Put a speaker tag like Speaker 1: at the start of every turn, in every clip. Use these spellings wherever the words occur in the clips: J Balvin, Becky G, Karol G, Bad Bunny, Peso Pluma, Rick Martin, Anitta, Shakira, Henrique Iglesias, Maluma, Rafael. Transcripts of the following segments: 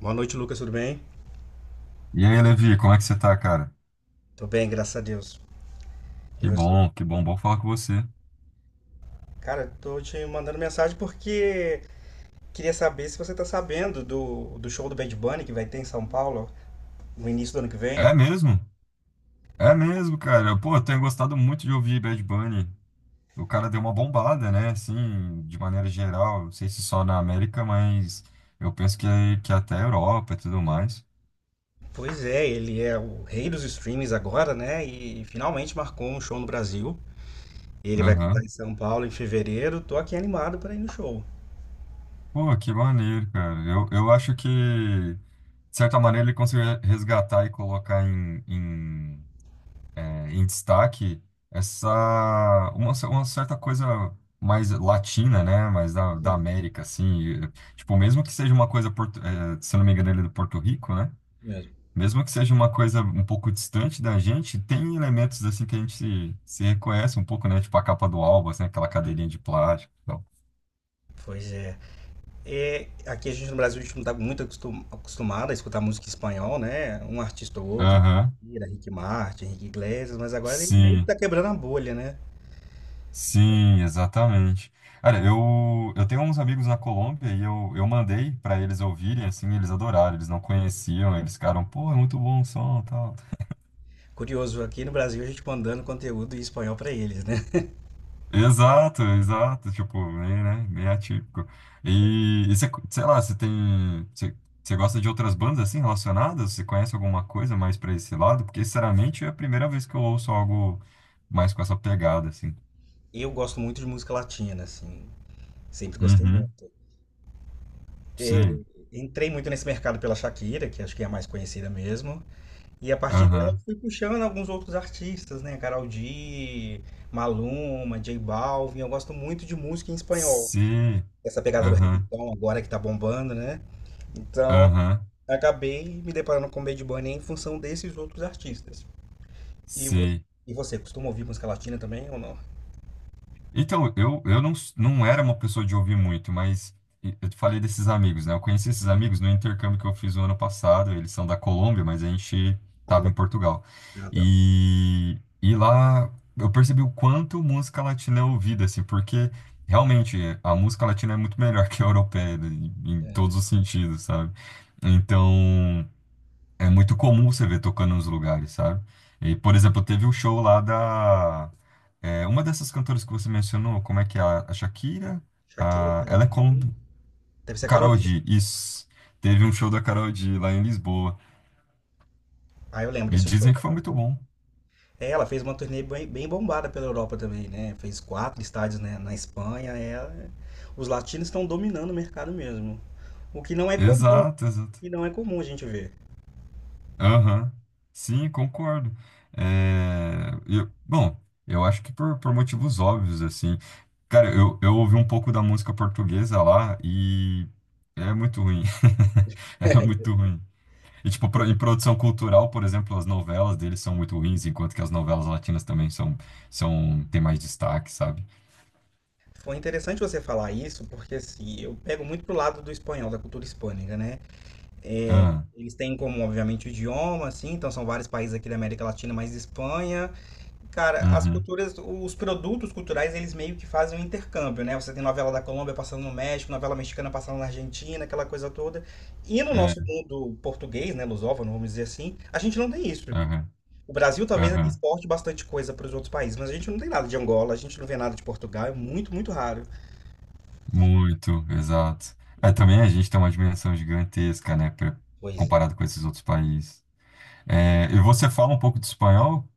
Speaker 1: Boa noite, Lucas, tudo bem?
Speaker 2: E aí, Levi, como é que você tá, cara?
Speaker 1: Tô bem, graças a Deus. E você?
Speaker 2: Que bom, bom falar com você.
Speaker 1: Cara, tô te mandando mensagem porque queria saber se você tá sabendo do show do Bad Bunny que vai ter em São Paulo no início do ano que vem.
Speaker 2: É mesmo? É mesmo, cara. Pô, eu tenho gostado muito de ouvir Bad Bunny. O cara deu uma bombada, né? Assim, de maneira geral. Não sei se só na América, mas eu penso que até a Europa e tudo mais.
Speaker 1: Pois é, ele é o rei dos streams agora, né? E finalmente marcou um show no Brasil. Ele vai cantar em
Speaker 2: Aham.
Speaker 1: São Paulo em fevereiro. Tô aqui animado para ir no show.
Speaker 2: Pô, que maneiro, cara. Eu acho de certa maneira, ele conseguiu resgatar e colocar em eh, em destaque essa uma, uma certa coisa mais latina, né? Mais
Speaker 1: Pois
Speaker 2: da
Speaker 1: é,
Speaker 2: América, assim. E, tipo, mesmo que seja uma coisa, se eu não me engano, ele é do Porto Rico,
Speaker 1: isso
Speaker 2: né?
Speaker 1: mesmo.
Speaker 2: Mesmo que seja uma coisa um pouco distante da gente, tem elementos assim que a gente se reconhece um pouco, né? Tipo a capa do álbum, assim, aquela cadeirinha de plástico e tal.
Speaker 1: Pois é. É, aqui a gente no Brasil a gente não está acostumado a escutar música em espanhol, né? Um artista ou outro,
Speaker 2: Aham,
Speaker 1: Shakira, Rick Martin, Henrique Iglesias, mas agora ele meio que
Speaker 2: sim.
Speaker 1: tá quebrando a bolha, né?
Speaker 2: Sim, exatamente. Olha, eu tenho uns amigos na Colômbia e eu mandei para eles ouvirem, assim, eles adoraram, eles não conheciam, eles ficaram, pô, é muito bom o som, tal.
Speaker 1: Curioso, aqui no Brasil a gente mandando conteúdo em espanhol para eles, né?
Speaker 2: Exato, exato, tipo, bem, né, bem atípico. E você, sei lá, você tem, você, você gosta de outras bandas, assim, relacionadas? Você conhece alguma coisa mais para esse lado? Porque, sinceramente, é a primeira vez que eu ouço algo mais com essa pegada, assim.
Speaker 1: Eu gosto muito de música latina, assim, sempre gostei
Speaker 2: Uhum,
Speaker 1: muito. É,
Speaker 2: sim,
Speaker 1: entrei muito nesse mercado pela Shakira, que acho que é a mais conhecida mesmo, e a partir dela eu
Speaker 2: aham,
Speaker 1: fui puxando alguns outros artistas, né? Karol G, Maluma, J Balvin, eu gosto muito de música em espanhol.
Speaker 2: sim,
Speaker 1: Essa pegada do
Speaker 2: aham.
Speaker 1: reggaeton agora que tá bombando, né? Então,
Speaker 2: Aham.
Speaker 1: acabei me deparando com o Bad Bunny em função desses outros artistas. E você,
Speaker 2: Sim.
Speaker 1: e você costuma ouvir música latina também ou não?
Speaker 2: Então, eu não, não era uma pessoa de ouvir muito, mas eu te falei desses amigos, né? Eu conheci esses
Speaker 1: Sim.
Speaker 2: amigos no intercâmbio que eu fiz o ano passado. Eles são da Colômbia, mas a gente
Speaker 1: Ah,
Speaker 2: estava
Speaker 1: mas
Speaker 2: em Portugal.
Speaker 1: nada.
Speaker 2: E lá eu percebi o quanto música latina é ouvida, assim, porque realmente a música latina é muito melhor que a europeia, né? Em, em todos
Speaker 1: É,
Speaker 2: os sentidos, sabe? Então, é muito comum você ver tocando nos lugares, sabe? E, por exemplo, teve o show lá da, é, uma dessas cantoras que você mencionou, como é que é? A Shakira?
Speaker 1: Shakira,
Speaker 2: A,
Speaker 1: Karol
Speaker 2: ela é como
Speaker 1: G. Deve ser a Karol
Speaker 2: Karol
Speaker 1: G.
Speaker 2: G, isso. Teve um show da Karol G lá em Lisboa.
Speaker 1: Ah, eu lembro
Speaker 2: E
Speaker 1: desse show.
Speaker 2: dizem que foi muito bom.
Speaker 1: É, ela fez uma turnê bem, bem bombada pela Europa também, né? Fez quatro estádios, né, na Espanha. Ela... Os latinos estão dominando o mercado mesmo. O que não é comum,
Speaker 2: Exato, exato.
Speaker 1: e não é comum a gente ver.
Speaker 2: Aham. Sim, concordo. É, bom, eu acho que por motivos óbvios, assim. Cara, eu ouvi um pouco da música portuguesa lá e é muito ruim. Era muito ruim. E, tipo, em produção cultural, por exemplo, as novelas deles são muito ruins, enquanto que as novelas latinas também têm mais destaque, sabe?
Speaker 1: Foi interessante você falar isso, porque assim, eu pego muito pro lado do espanhol, da cultura hispânica, né? É,
Speaker 2: Ah,
Speaker 1: eles têm como, obviamente, o idioma, assim, então são vários países aqui da América Latina, mas Espanha. Cara, as
Speaker 2: uhum,
Speaker 1: culturas, os produtos culturais, eles meio que fazem um intercâmbio, né? Você tem novela da Colômbia passando no México, novela mexicana passando na Argentina, aquela coisa toda. E no nosso
Speaker 2: é,
Speaker 1: mundo português, né, lusófono, vamos dizer assim, a gente não tem isso.
Speaker 2: aham,
Speaker 1: O Brasil talvez ainda
Speaker 2: aham.
Speaker 1: exporte bastante coisa para os outros países, mas a gente não tem nada de Angola, a gente não vê nada de Portugal, é muito, muito raro.
Speaker 2: Muito, exato. É, também a gente tem uma dimensão gigantesca, né,
Speaker 1: Pois é.
Speaker 2: comparado com esses outros países. É, e você fala um pouco de espanhol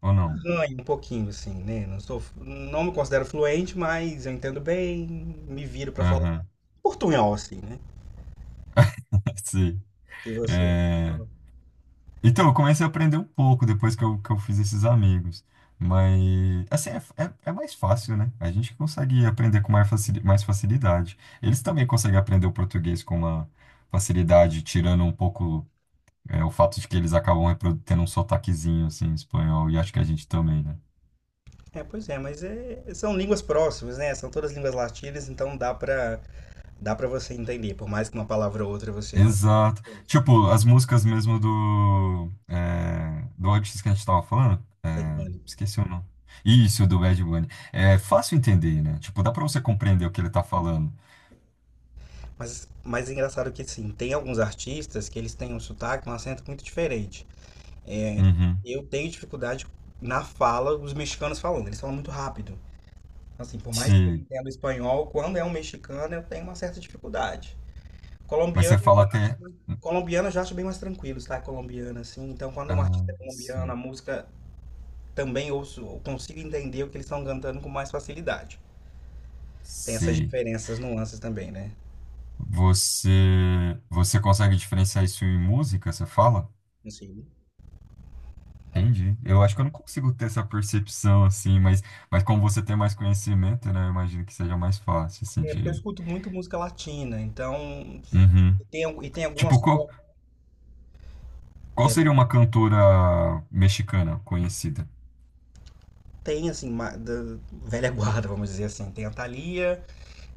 Speaker 2: ou não?
Speaker 1: Ganho um pouquinho, assim, né? Não me considero fluente, mas eu entendo bem, me viro pra falar
Speaker 2: Aham,
Speaker 1: portunhol, assim, né?
Speaker 2: sim.
Speaker 1: E você?
Speaker 2: É, então, eu comecei a aprender um pouco depois que que eu fiz esses amigos. Mas, assim, é mais fácil, né? A gente consegue aprender com mais mais facilidade. Eles também conseguem aprender o português com uma facilidade, tirando um pouco, é, o fato de que eles acabam tendo um sotaquezinho, assim, espanhol. E acho que a gente também, né?
Speaker 1: É, pois é, mas são línguas próximas, né? São todas línguas latinas, então dá pra você entender, por mais que uma palavra ou outra você não.
Speaker 2: Exato. Tipo, as músicas mesmo do, é, do artista que a gente tava falando,
Speaker 1: Bad
Speaker 2: é,
Speaker 1: Bunny.
Speaker 2: esqueci o nome. Isso, do Bad Bunny. É fácil entender, né? Tipo, dá pra você compreender o que ele tá falando.
Speaker 1: Mas, mais engraçado que, sim tem alguns artistas que eles têm um sotaque, um acento muito diferente. É,
Speaker 2: Uhum.
Speaker 1: eu tenho dificuldade na fala, os mexicanos falando, eles falam muito rápido. Assim, por mais que eu
Speaker 2: Sim.
Speaker 1: entenda o espanhol, quando é um mexicano eu tenho uma certa dificuldade.
Speaker 2: Mas
Speaker 1: Colombiano
Speaker 2: você
Speaker 1: eu
Speaker 2: fala
Speaker 1: já acho,
Speaker 2: até.
Speaker 1: mais- Colombiano eu já acho bem mais tranquilo, tá? Colombiano, assim. Então, quando é um
Speaker 2: Ah,
Speaker 1: artista colombiano, a
Speaker 2: sim.
Speaker 1: música também ouço, eu consigo entender o que eles estão cantando com mais facilidade. Tem essas
Speaker 2: Sei.
Speaker 1: diferenças, nuances também, né?
Speaker 2: Você, você consegue diferenciar isso em música, você fala?
Speaker 1: Não.
Speaker 2: Entendi. Eu acho que eu não consigo ter essa percepção, assim, mas como você tem mais conhecimento, né? Eu imagino que seja mais fácil, assim,
Speaker 1: É porque eu
Speaker 2: de.
Speaker 1: escuto muito música latina, então.
Speaker 2: Uhum.
Speaker 1: E tem, al- e tem algumas.
Speaker 2: Tipo, qual,
Speaker 1: Co-
Speaker 2: qual
Speaker 1: Pera,
Speaker 2: seria uma cantora mexicana conhecida?
Speaker 1: da velha guarda, vamos dizer assim. Tem a Thalia.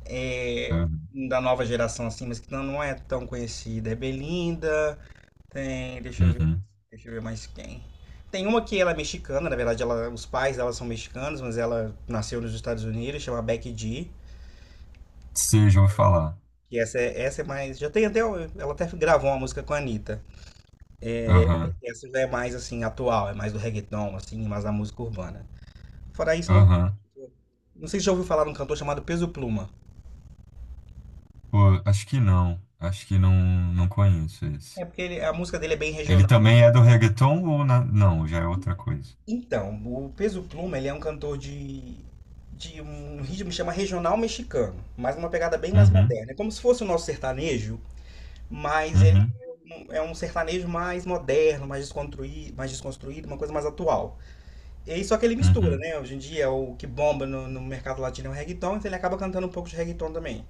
Speaker 1: É,
Speaker 2: Ah,
Speaker 1: da nova geração, assim, mas que não, não é tão conhecida. É Belinda, tem. Deixa eu ver.
Speaker 2: uhum.
Speaker 1: Deixa eu ver mais quem. Tem uma que ela é mexicana, na verdade, ela, os pais dela são mexicanos, mas ela nasceu nos Estados Unidos, chama Becky G.
Speaker 2: Você já ouviu falar?
Speaker 1: E essa é mais. Já tem até. Ela até gravou uma música com a Anitta.
Speaker 2: Aham,
Speaker 1: Essa já é mais assim, atual, é mais do reggaeton, assim, mais da música urbana. Fora isso, não.
Speaker 2: aham.
Speaker 1: Não sei se já ouviu falar de um cantor chamado Peso Pluma.
Speaker 2: Pô, acho que não. Acho que não, não conheço esse.
Speaker 1: É porque a música dele é bem
Speaker 2: Ele
Speaker 1: regional.
Speaker 2: também é do reggaeton ou não? Já é outra coisa.
Speaker 1: Então, o Peso Pluma, ele é um cantor de um ritmo que chama regional mexicano, mas uma pegada bem mais
Speaker 2: Uhum,
Speaker 1: moderna. É como se fosse o nosso sertanejo, mas ele
Speaker 2: uhum,
Speaker 1: é um sertanejo mais moderno, mais desconstruído, uma coisa mais atual. E só que ele mistura,
Speaker 2: uhum.
Speaker 1: né? Hoje em dia o que bomba no mercado latino é o reggaeton, então ele acaba cantando um pouco de reggaeton também.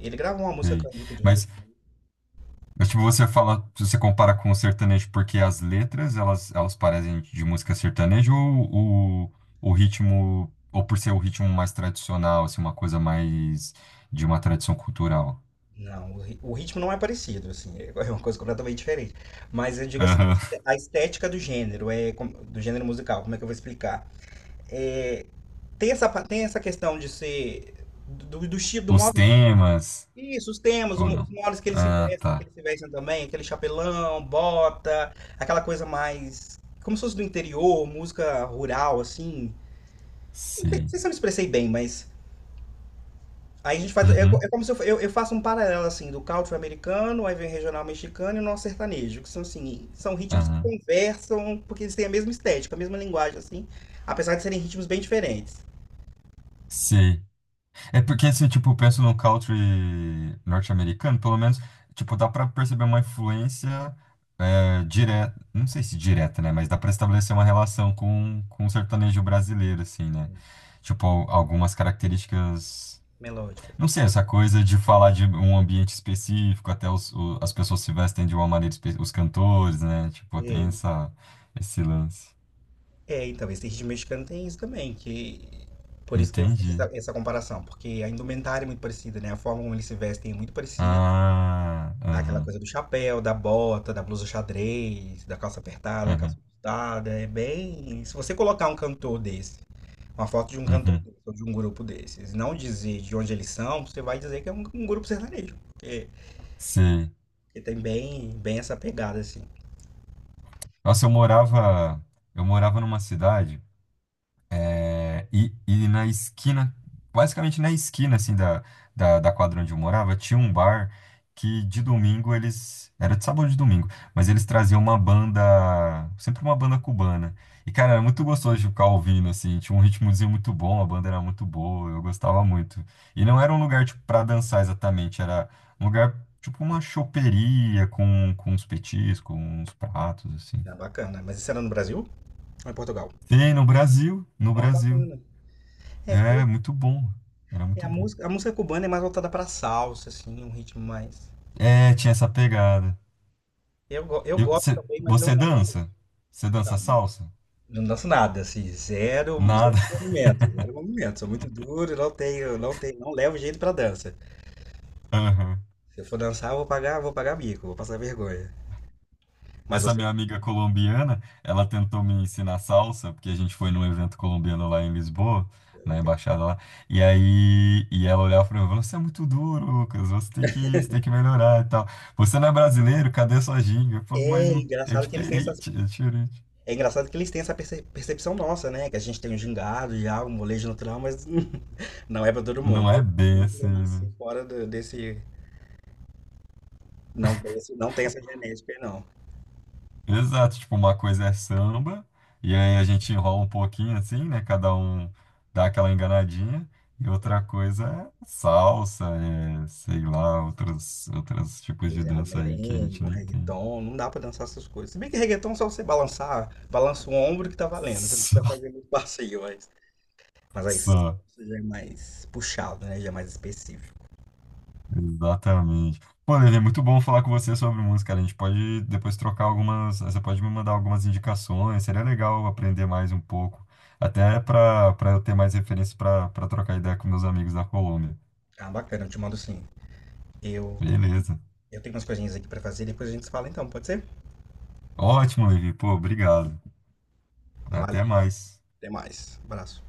Speaker 1: Ele gravou uma música com
Speaker 2: Sei.
Speaker 1: a Anitta de.
Speaker 2: Mas Mas, tipo, você fala, você compara com o sertanejo porque as letras, elas parecem de música sertaneja ou o ritmo, ou por ser o ritmo mais tradicional, assim, uma coisa mais de uma tradição cultural?
Speaker 1: Não, o ritmo não é parecido, assim, é uma coisa completamente diferente. Mas eu digo assim,
Speaker 2: Aham.
Speaker 1: a estética do gênero, do gênero musical, como é que eu vou explicar? É, tem essa questão de ser do estilo, do
Speaker 2: Os
Speaker 1: modo de.
Speaker 2: temas,
Speaker 1: Isso, os temas,
Speaker 2: ou
Speaker 1: os
Speaker 2: não?
Speaker 1: modos
Speaker 2: Ah,
Speaker 1: que
Speaker 2: tá.
Speaker 1: eles se vestem também, aquele chapelão, bota, aquela coisa mais. Como se fosse do interior, música rural, assim. Não sei, não
Speaker 2: Sei.
Speaker 1: sei se eu me expressei bem, mas. Aí a gente faz. É,
Speaker 2: Uhum.
Speaker 1: é como se eu faço um paralelo assim do country americano, aí vem regional mexicano e o nosso sertanejo, que são assim, são ritmos que
Speaker 2: Aham.
Speaker 1: conversam, porque eles têm a mesma estética, a mesma linguagem, assim, apesar de serem ritmos bem diferentes,
Speaker 2: Sei. É porque, assim, tipo, eu penso no country norte-americano, pelo menos, tipo, dá pra perceber uma influência direta, não sei se direta, né? Mas dá pra estabelecer uma relação com o sertanejo brasileiro, assim, né? Tipo, algumas características.
Speaker 1: melódicas.
Speaker 2: Não sei, essa coisa de falar de um ambiente específico, até os, as pessoas se vestem de uma maneira, os cantores, né? Tipo, tem
Speaker 1: É,
Speaker 2: essa, esse lance.
Speaker 1: é, então, esse ritmo mexicano tem isso também, que. Por isso que eu fiz
Speaker 2: Entendi.
Speaker 1: essa comparação, porque a indumentária é muito parecida, né? A forma como eles se vestem é muito parecida.
Speaker 2: Ah,
Speaker 1: Aquela
Speaker 2: aham,
Speaker 1: coisa do chapéu, da bota, da blusa xadrez, da calça apertada, da calça
Speaker 2: aham,
Speaker 1: ajustada, é bem. Se você colocar um cantor desse. Uma foto de um cantor
Speaker 2: uhum,
Speaker 1: desse, ou de um grupo desses, e não dizer de onde eles são, você vai dizer que é um grupo sertanejo. Porque,
Speaker 2: sei.
Speaker 1: porque tem bem, bem essa pegada, assim.
Speaker 2: Nossa, eu morava numa cidade. É, e na esquina, basicamente na esquina assim da, da quadra onde eu morava, tinha um bar que de domingo eles. Era de sábado ou de domingo, mas eles traziam uma banda. Sempre uma banda cubana. E, cara,
Speaker 1: Olha,
Speaker 2: era muito gostoso de ficar ouvindo, assim, tinha um ritmozinho muito bom, a banda era muito boa, eu gostava muito. E não era um lugar, tipo, pra dançar exatamente, era um lugar, tipo, uma choperia com uns petiscos, uns pratos, assim.
Speaker 1: é bacana. Mas isso era no Brasil ou em Portugal?
Speaker 2: Tem no Brasil, no
Speaker 1: Ó,
Speaker 2: Brasil.
Speaker 1: bacana. É,
Speaker 2: É,
Speaker 1: cu-
Speaker 2: muito bom. Era
Speaker 1: é
Speaker 2: muito bom.
Speaker 1: a música cubana é mais voltada pra salsa, assim, um ritmo mais.
Speaker 2: É, tinha essa pegada.
Speaker 1: Eu gosto também, mas
Speaker 2: Você dança? Você dança
Speaker 1: não,
Speaker 2: salsa?
Speaker 1: não danço nada, assim, zero, zero
Speaker 2: Nada.
Speaker 1: movimento, zero movimento. Sou muito duro, não tenho, não levo jeito pra dança.
Speaker 2: Aham.
Speaker 1: Se eu for dançar, vou pagar mico, vou passar vergonha. Mas
Speaker 2: Essa minha amiga colombiana, ela tentou me ensinar salsa, porque a gente foi num evento colombiano lá em Lisboa, na embaixada lá. E aí, e ela olhava pra mim e falou: você é muito duro, Lucas. Você tem que melhorar e tal. Você não é brasileiro? Cadê sua ginga? Eu falei, mas
Speaker 1: é
Speaker 2: é
Speaker 1: engraçado que eles têm essas...
Speaker 2: diferente, é diferente.
Speaker 1: É engraçado que eles têm percepção nossa, né? Que a gente tem um gingado já, um molejo natural, mas não é pra todo
Speaker 2: Não
Speaker 1: mundo.
Speaker 2: é
Speaker 1: Eu, por
Speaker 2: bem
Speaker 1: exemplo,
Speaker 2: assim,
Speaker 1: eu
Speaker 2: né?
Speaker 1: nasci desse... Não tem, não tem essa genética, aí, não.
Speaker 2: Exato, tipo, uma coisa é samba, e aí a gente enrola um pouquinho assim, né? Cada um dá aquela enganadinha, e
Speaker 1: É,
Speaker 2: outra coisa é salsa, é, sei lá, outros, outros tipos de
Speaker 1: pois é, um
Speaker 2: dança aí que a
Speaker 1: merengue,
Speaker 2: gente
Speaker 1: um
Speaker 2: nem tem.
Speaker 1: reggaeton, não dá pra dançar essas coisas. Se bem que reggaeton é só você balançar, balança o ombro que tá valendo. Você não
Speaker 2: Só,
Speaker 1: precisa fazer muito passeio, mas... Mas aí, isso
Speaker 2: só,
Speaker 1: já é mais puxado, né? Já é mais específico.
Speaker 2: exatamente. Pô, Lelê, muito bom falar com você sobre música, cara. A gente pode depois trocar algumas, você pode me mandar algumas indicações, seria legal aprender mais um pouco, até para eu ter mais referência para trocar ideia com meus amigos da Colômbia.
Speaker 1: Ah, bacana, eu te mando sim. Eu,
Speaker 2: Beleza.
Speaker 1: eu tenho umas coisinhas aqui pra fazer, depois a gente se fala então, pode ser?
Speaker 2: Ótimo, Levi. Pô, obrigado.
Speaker 1: Valeu,
Speaker 2: Até mais.
Speaker 1: até mais. Abraço.